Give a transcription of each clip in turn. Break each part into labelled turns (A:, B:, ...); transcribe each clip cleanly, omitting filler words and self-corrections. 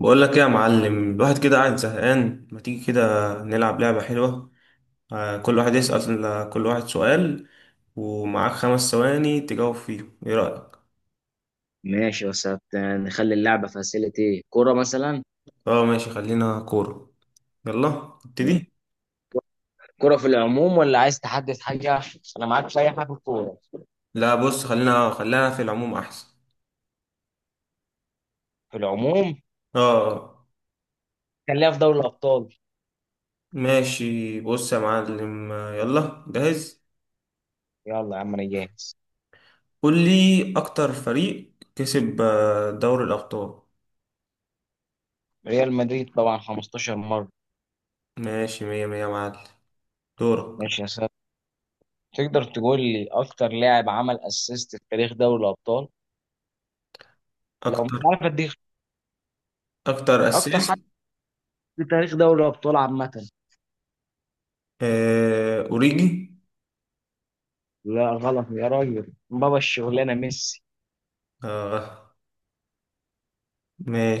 A: بقول لك ايه يا معلم، الواحد كده قاعد زهقان، ما تيجي كده نلعب لعبة حلوة. كل واحد يسأل كل واحد سؤال، ومعاك 5 ثواني تجاوب فيه، ايه رأيك؟
B: ماشي بس نخلي اللعبة فاسيلتي كرة مثلا.
A: اه ماشي، خلينا كورة. يلا ابتدي.
B: كرة في العموم ولا عايز تحدد حاجة؟ أنا معاك في أي حاجة في الكورة.
A: لا بص، خلينا في العموم احسن.
B: في العموم.
A: اه
B: خليها في دوري الأبطال.
A: ماشي، بص يا معلم. يلا جاهز.
B: يلا يا عم أنا جاهز.
A: قول لي اكتر فريق كسب دوري الابطال.
B: ريال مدريد طبعا 15 مرة.
A: ماشي، مية مية يا معلم. دورك.
B: ماشي يا ساتر. تقدر تقول لي أكتر لاعب عمل أسيست في تاريخ دوري الأبطال؟ لو مش
A: اكتر
B: عارف أديك.
A: اكتر
B: أكتر حد
A: اسيست.
B: في تاريخ دوري الأبطال عامة.
A: أوريجي.
B: لا غلط يا راجل، بابا الشغلانة ميسي.
A: آه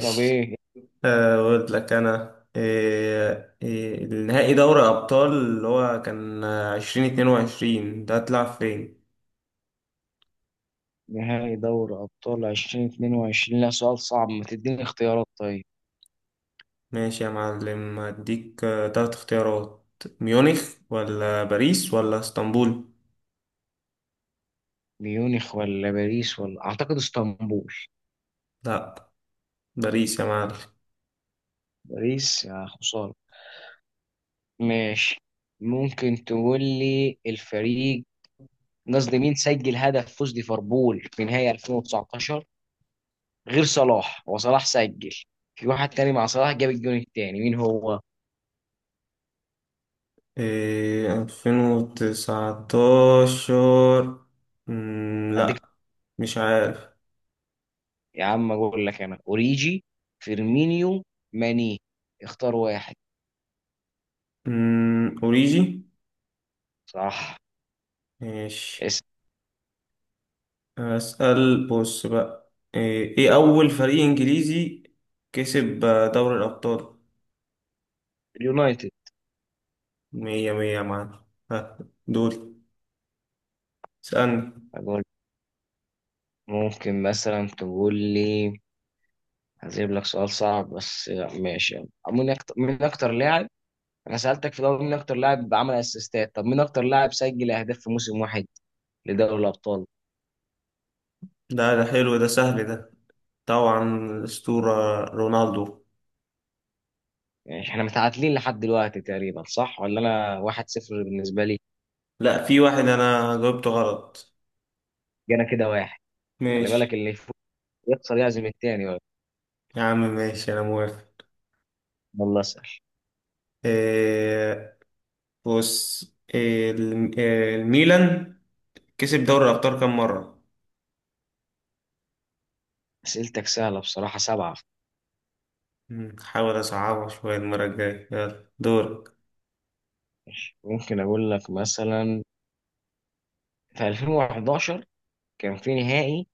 B: طب إيه؟
A: أقول لك أنا، النهائي دوري أبطال اللي هو كان 2022 ده هتلعب فين؟
B: نهائي دوري أبطال 2022، لا سؤال صعب، ما تديني اختيارات طيب.
A: ماشي يا معلم، هديك تلات اختيارات. ميونخ ولا باريس ولا اسطنبول؟
B: ميونخ ولا باريس، ولا أعتقد اسطنبول.
A: لأ. باريس يا معلم.
B: باريس يا خسارة. ماشي. ممكن تقول لي الفريق، قصدي مين سجل هدف فوز ليفربول في نهائي 2019 غير صلاح؟ هو صلاح سجل، في واحد تاني مع صلاح جاب الجون التاني، مين هو؟
A: إيه، 2019.
B: أديك.
A: لأ. مش عارف.
B: يا عم أقول لك أنا أوريجي، فيرمينيو، ماني، اختار واحد.
A: أوريجي.
B: صح.
A: ماشي.
B: اسم.
A: أسأل بص بقى، إيه أول فريق إنجليزي كسب دوري الأبطال.
B: اليونايتد.
A: مية مية يا معلم. ها، دول اسألني.
B: ممكن مثلا تقول لي، هجيب لك سؤال صعب بس، ماشي. مين اكتر لاعب، انا سألتك في الاول مين اكتر لاعب عمل اسيستات، طب مين اكتر لاعب سجل اهداف في موسم واحد لدوري الابطال؟
A: ده حلو، ده سهل ده. طبعا، الأسطورة رونالدو.
B: يعني احنا متعادلين لحد دلوقتي تقريبا صح، ولا انا واحد صفر بالنسبة لي.
A: لا، في واحد أنا جاوبته غلط.
B: جانا كده واحد. خلي
A: ماشي
B: بالك اللي يفوز يخسر، يعزم التاني بقى.
A: يا عم، ماشي، أنا موافق.
B: والله اسأل.
A: إيه، بص. إيه، الميلان كسب دوري الأبطال كام مرة؟
B: اسئلتك سهلة بصراحة. سبعة.
A: حاول أصعبها شوية المرة الجاية، يلا دور.
B: ممكن اقول لك مثلا، في 2011 كان في نهائي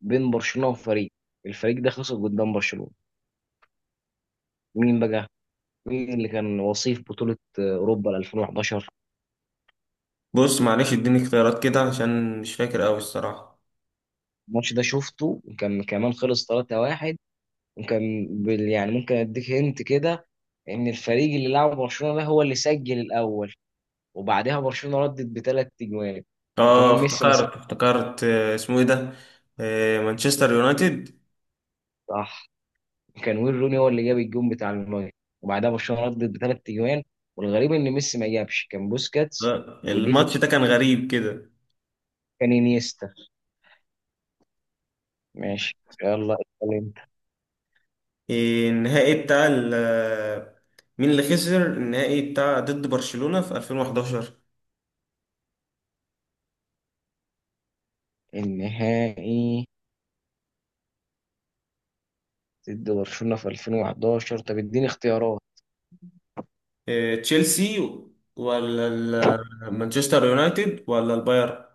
B: بين برشلونة وفريق، الفريق ده خسر قدام برشلونة، مين بقى؟ مين اللي كان وصيف بطولة أوروبا 2011؟
A: بص معلش، اديني اختيارات كده عشان مش فاكر قوي الصراحة.
B: الماتش ده شفته وكان كمان خلص 3-1، وكان يعني ممكن أديك هنت كده، إن الفريق اللي لعب برشلونة ده هو اللي سجل الأول، وبعدها برشلونة ردت بثلاث أجوان، وكمان
A: اه،
B: ميسي ما سجلش.
A: افتكرت. اسمه ايه ده؟ مانشستر يونايتد.
B: صح. وكان وين روني هو اللي جاب الجون بتاع المجر، وبعدها برشلونة ردت بثلاث أجوان، والغريب إن ميسي ما جابش، كان بوسكاتس. ودي في،
A: الماتش ده كان غريب كده.
B: كان انيستا. ماشي، يلا اسأل انت.
A: آه، النهائي بتاع ال- آه، مين اللي خسر النهائي بتاع ضد برشلونة في 2011؟
B: النهائي ضد برشلونة في 2011؟ طب اديني اختيارات.
A: تشيلسي ولا مانشستر يونايتد ولا البايرن؟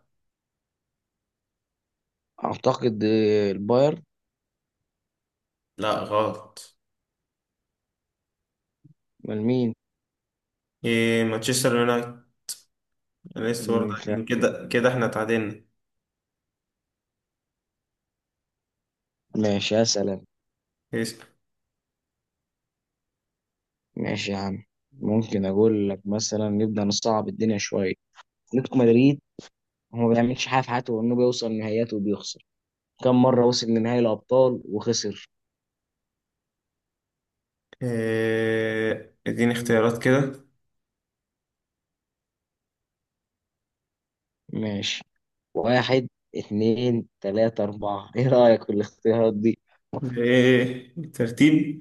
B: اعتقد آه، البايرن.
A: لا غلط.
B: امال مين؟
A: مانشستر يونايتد. أنا لسه برضه
B: مم، ف-
A: قايلين كده كده احنا اتعادلنا.
B: ماشي اسأل انا. ماشي يا عم. ممكن اقول لك مثلا نبدأ نصعب الدنيا شوية. اتلتيكو مدريد، هو ما بيعملش حاجة في حياته غير انه بيوصل نهائيات وبيخسر، كم مرة وصل لنهائي الابطال وخسر؟
A: اديني اختيارات كده.
B: ماشي. واحد، اتنين، تلاتة، أربعة، إيه رأيك في الاختيارات دي؟
A: ايه الترتيب؟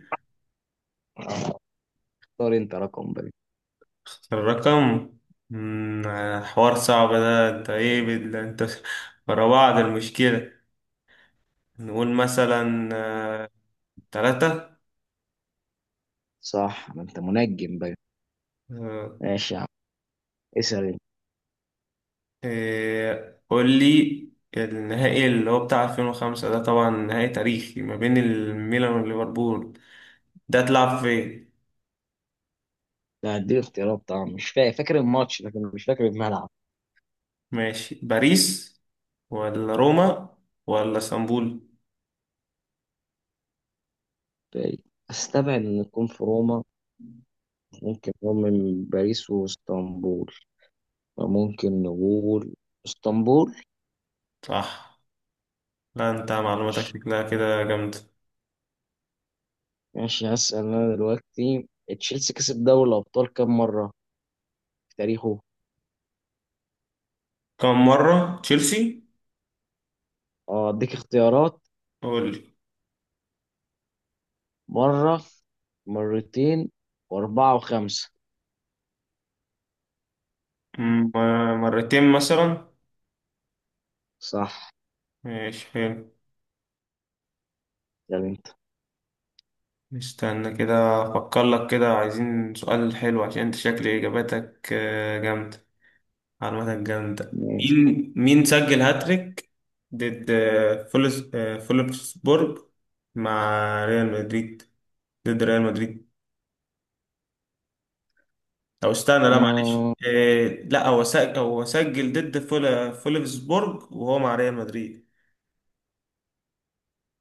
B: اختار أنت رقم بقى.
A: الرقم، حوار صعب ده. انت ورا بعض، المشكلة. نقول مثلا تلاتة.
B: صح، ما أنت منجم بقى.
A: آه،
B: ماشي. اسأل انت.
A: إيه، قول لي، النهائي اللي هو بتاع 2005 ده طبعا نهائي تاريخي ما بين الميلان وليفربول، ده اتلعب فين؟
B: لا اديني اختيارات طبعا، مش فاكر الماتش لكن مش فاكر الملعب.
A: ماشي، باريس ولا روما ولا اسطنبول؟
B: استبعد ان نكون في روما، ممكن نكون من باريس واسطنبول، فممكن نقول اسطنبول.
A: صح. لا انت معلوماتك
B: ماشي.
A: شكلها كده جامدة.
B: ماشي هسأل انا دلوقتي. تشيلسي كسب دوري الابطال كام مرة في تاريخه؟
A: كم مرة تشيلسي؟
B: اه اديك اختيارات:
A: قول لي.
B: مرة، مرتين، واربعة، وخمسة.
A: مم، مرتين مثلا.
B: صح.
A: ماشي حلو.
B: يعني انت.
A: استنى كده افكر لك كده، عايزين سؤال حلو عشان انت شكل اجاباتك جامدة. معلوماتك جامدة.
B: ماشي.
A: مين سجل هاتريك ضد آه، فولس آه، فولفسبورج مع ريال مدريد؟ ضد ريال مدريد، او استنى لا معلش.
B: آه،
A: لا، هو سجل ضد فولفسبورج وهو مع ريال مدريد.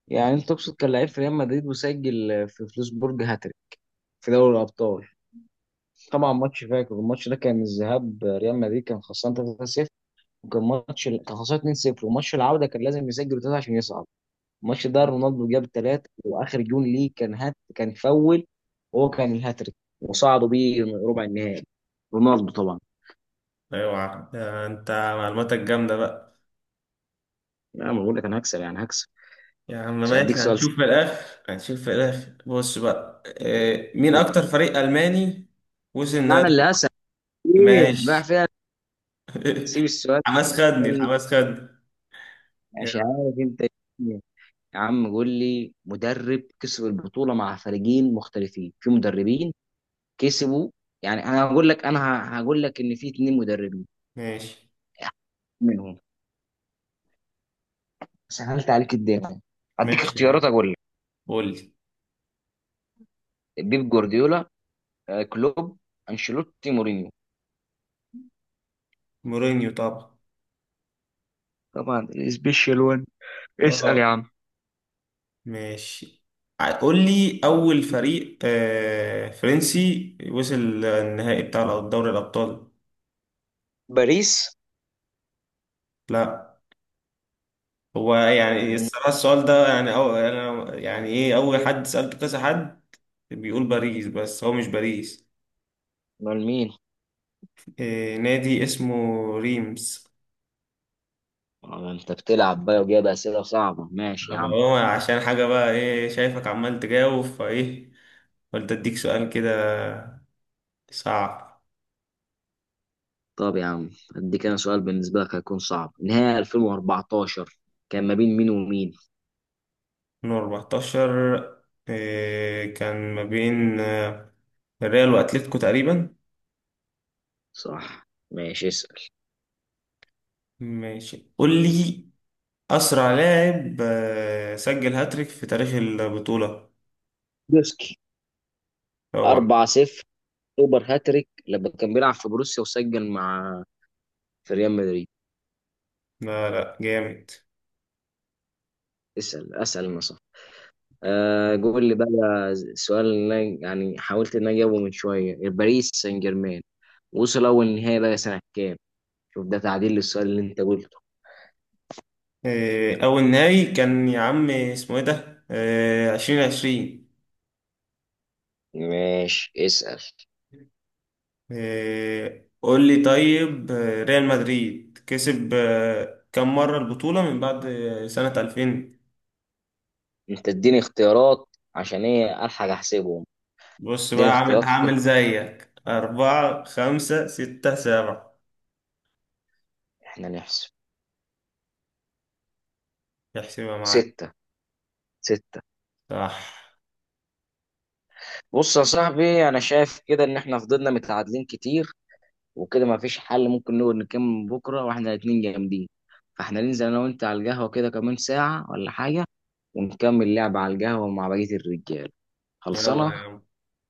B: يعني انت تقصد كان لعيب في ريال مدريد وسجل في فلوسبورج؟ هات. في دوري الابطال طبعا، ماتش فاكر الماتش ده كان الذهاب ريال مدريد كان خسران 3-0، وكان ماتش كان خسران 2-0، وماتش العوده كان لازم يسجل ثلاثه عشان يصعد. الماتش ده رونالدو جاب ثلاثه، واخر جون ليه كان هات كان فول، وهو كان الهاتريك، وصعدوا بيه ربع النهائي. رونالدو طبعا.
A: اوعى، ده انت معلوماتك جامدة بقى.
B: لا ما بقول لك انا هكسب؟ يعني هكسب.
A: يا عم
B: مش هديك
A: ماشي،
B: سؤال سهل.
A: هنشوف في الاخر. بص بقى، إيه، مين اكتر فريق الماني وصل
B: لا انا
A: النهائي؟
B: اللي هسأل، فين
A: ماشي.
B: رايح فين. سيب السؤال
A: الحماس خدني،
B: ده.
A: الحماس خدني.
B: مش
A: يلا.
B: عارف انت إيه. يا عم قول لي مدرب كسب البطولة مع فريقين مختلفين؟ في مدربين كسبوا، يعني انا هقول لك، هقول لك ان في اتنين مدربين
A: ماشي.
B: منهم، سهلت عليك الدنيا، هديك
A: ماشي يا عم،
B: اختيارات اقول لك:
A: قول لي.
B: بيب جوارديولا، آه، كلوب، انشيلوتي، مورينيو.
A: مورينيو طبعا.
B: طبعا سبيشال وان. اسأل يا
A: اه
B: عم.
A: ماشي. قول لي اول فريق آه فرنسي وصل النهائي بتاع دوري الابطال.
B: باريس.
A: لا. هو يعني
B: من.
A: الصراحة السؤال ده يعني، أو أنا يعني، إيه، أول حد سألته كذا حد بيقول باريس بس هو مش باريس.
B: من مين؟
A: إيه، نادي اسمه ريمس.
B: آه، انت بتلعب بقى وجايب اسئله صعبه. ماشي يا
A: طب
B: عم.
A: هو عشان حاجة بقى، إيه شايفك عمال تجاوب فإيه. قلت أديك سؤال كده صعب.
B: طب يا عم اديك انا سؤال بالنسبه لك هيكون صعب، نهائي 2014 كان ما بين مين ومين؟
A: من 14. إيه، كان ما بين الريال وأتلتيكو تقريبا.
B: صح. ماشي اسأل.
A: ماشي، قول لي. أسرع لاعب سجل هاتريك في تاريخ البطولة.
B: دوسكي.
A: اوعى.
B: 4-0 سوبر هاتريك لما كان بيلعب في بروسيا، وسجل مع في ريال مدريد.
A: لا لا جامد.
B: اسأل. اسأل انا صح. آه قول لي بقى. السؤال اللي أنا يعني حاولت ان انا اجاوبه من شويه، باريس سان جيرمان وصل اول نهائي بقى سنه كام؟ شوف ده تعديل للسؤال اللي انت قلته.
A: أول نهائي كان يا عم اسمه إيه ده؟ 2020.
B: ماشي اسأل
A: قول لي طيب، ريال مدريد كسب كم مرة البطولة من بعد سنة 2000؟
B: انت. اديني اختيارات عشان ايه الحق احسبهم.
A: بص بقى
B: اديني
A: عامل
B: اختيارات كنت
A: هعمل زيك، أربعة خمسة ستة سبعة.
B: احنا نحسب.
A: احسبها معاك.
B: ستة. ستة.
A: صح.
B: بص يا صاحبي انا شايف كده ان احنا فضلنا متعادلين كتير، وكده ما فيش حل، ممكن نقول نكمل بكره واحنا الاتنين جامدين، فاحنا ننزل انا وانت على القهوه كده كمان ساعه ولا حاجه، ونكمل لعب على القهوه مع بقيه الرجال.
A: يلا يا
B: خلصانه.
A: عم،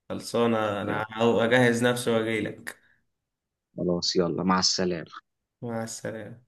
A: خلصانة،
B: يلا.
A: أنا هجهز نفسي وأجيلك.
B: خلاص يلا مع السلامه.
A: مع السلامة.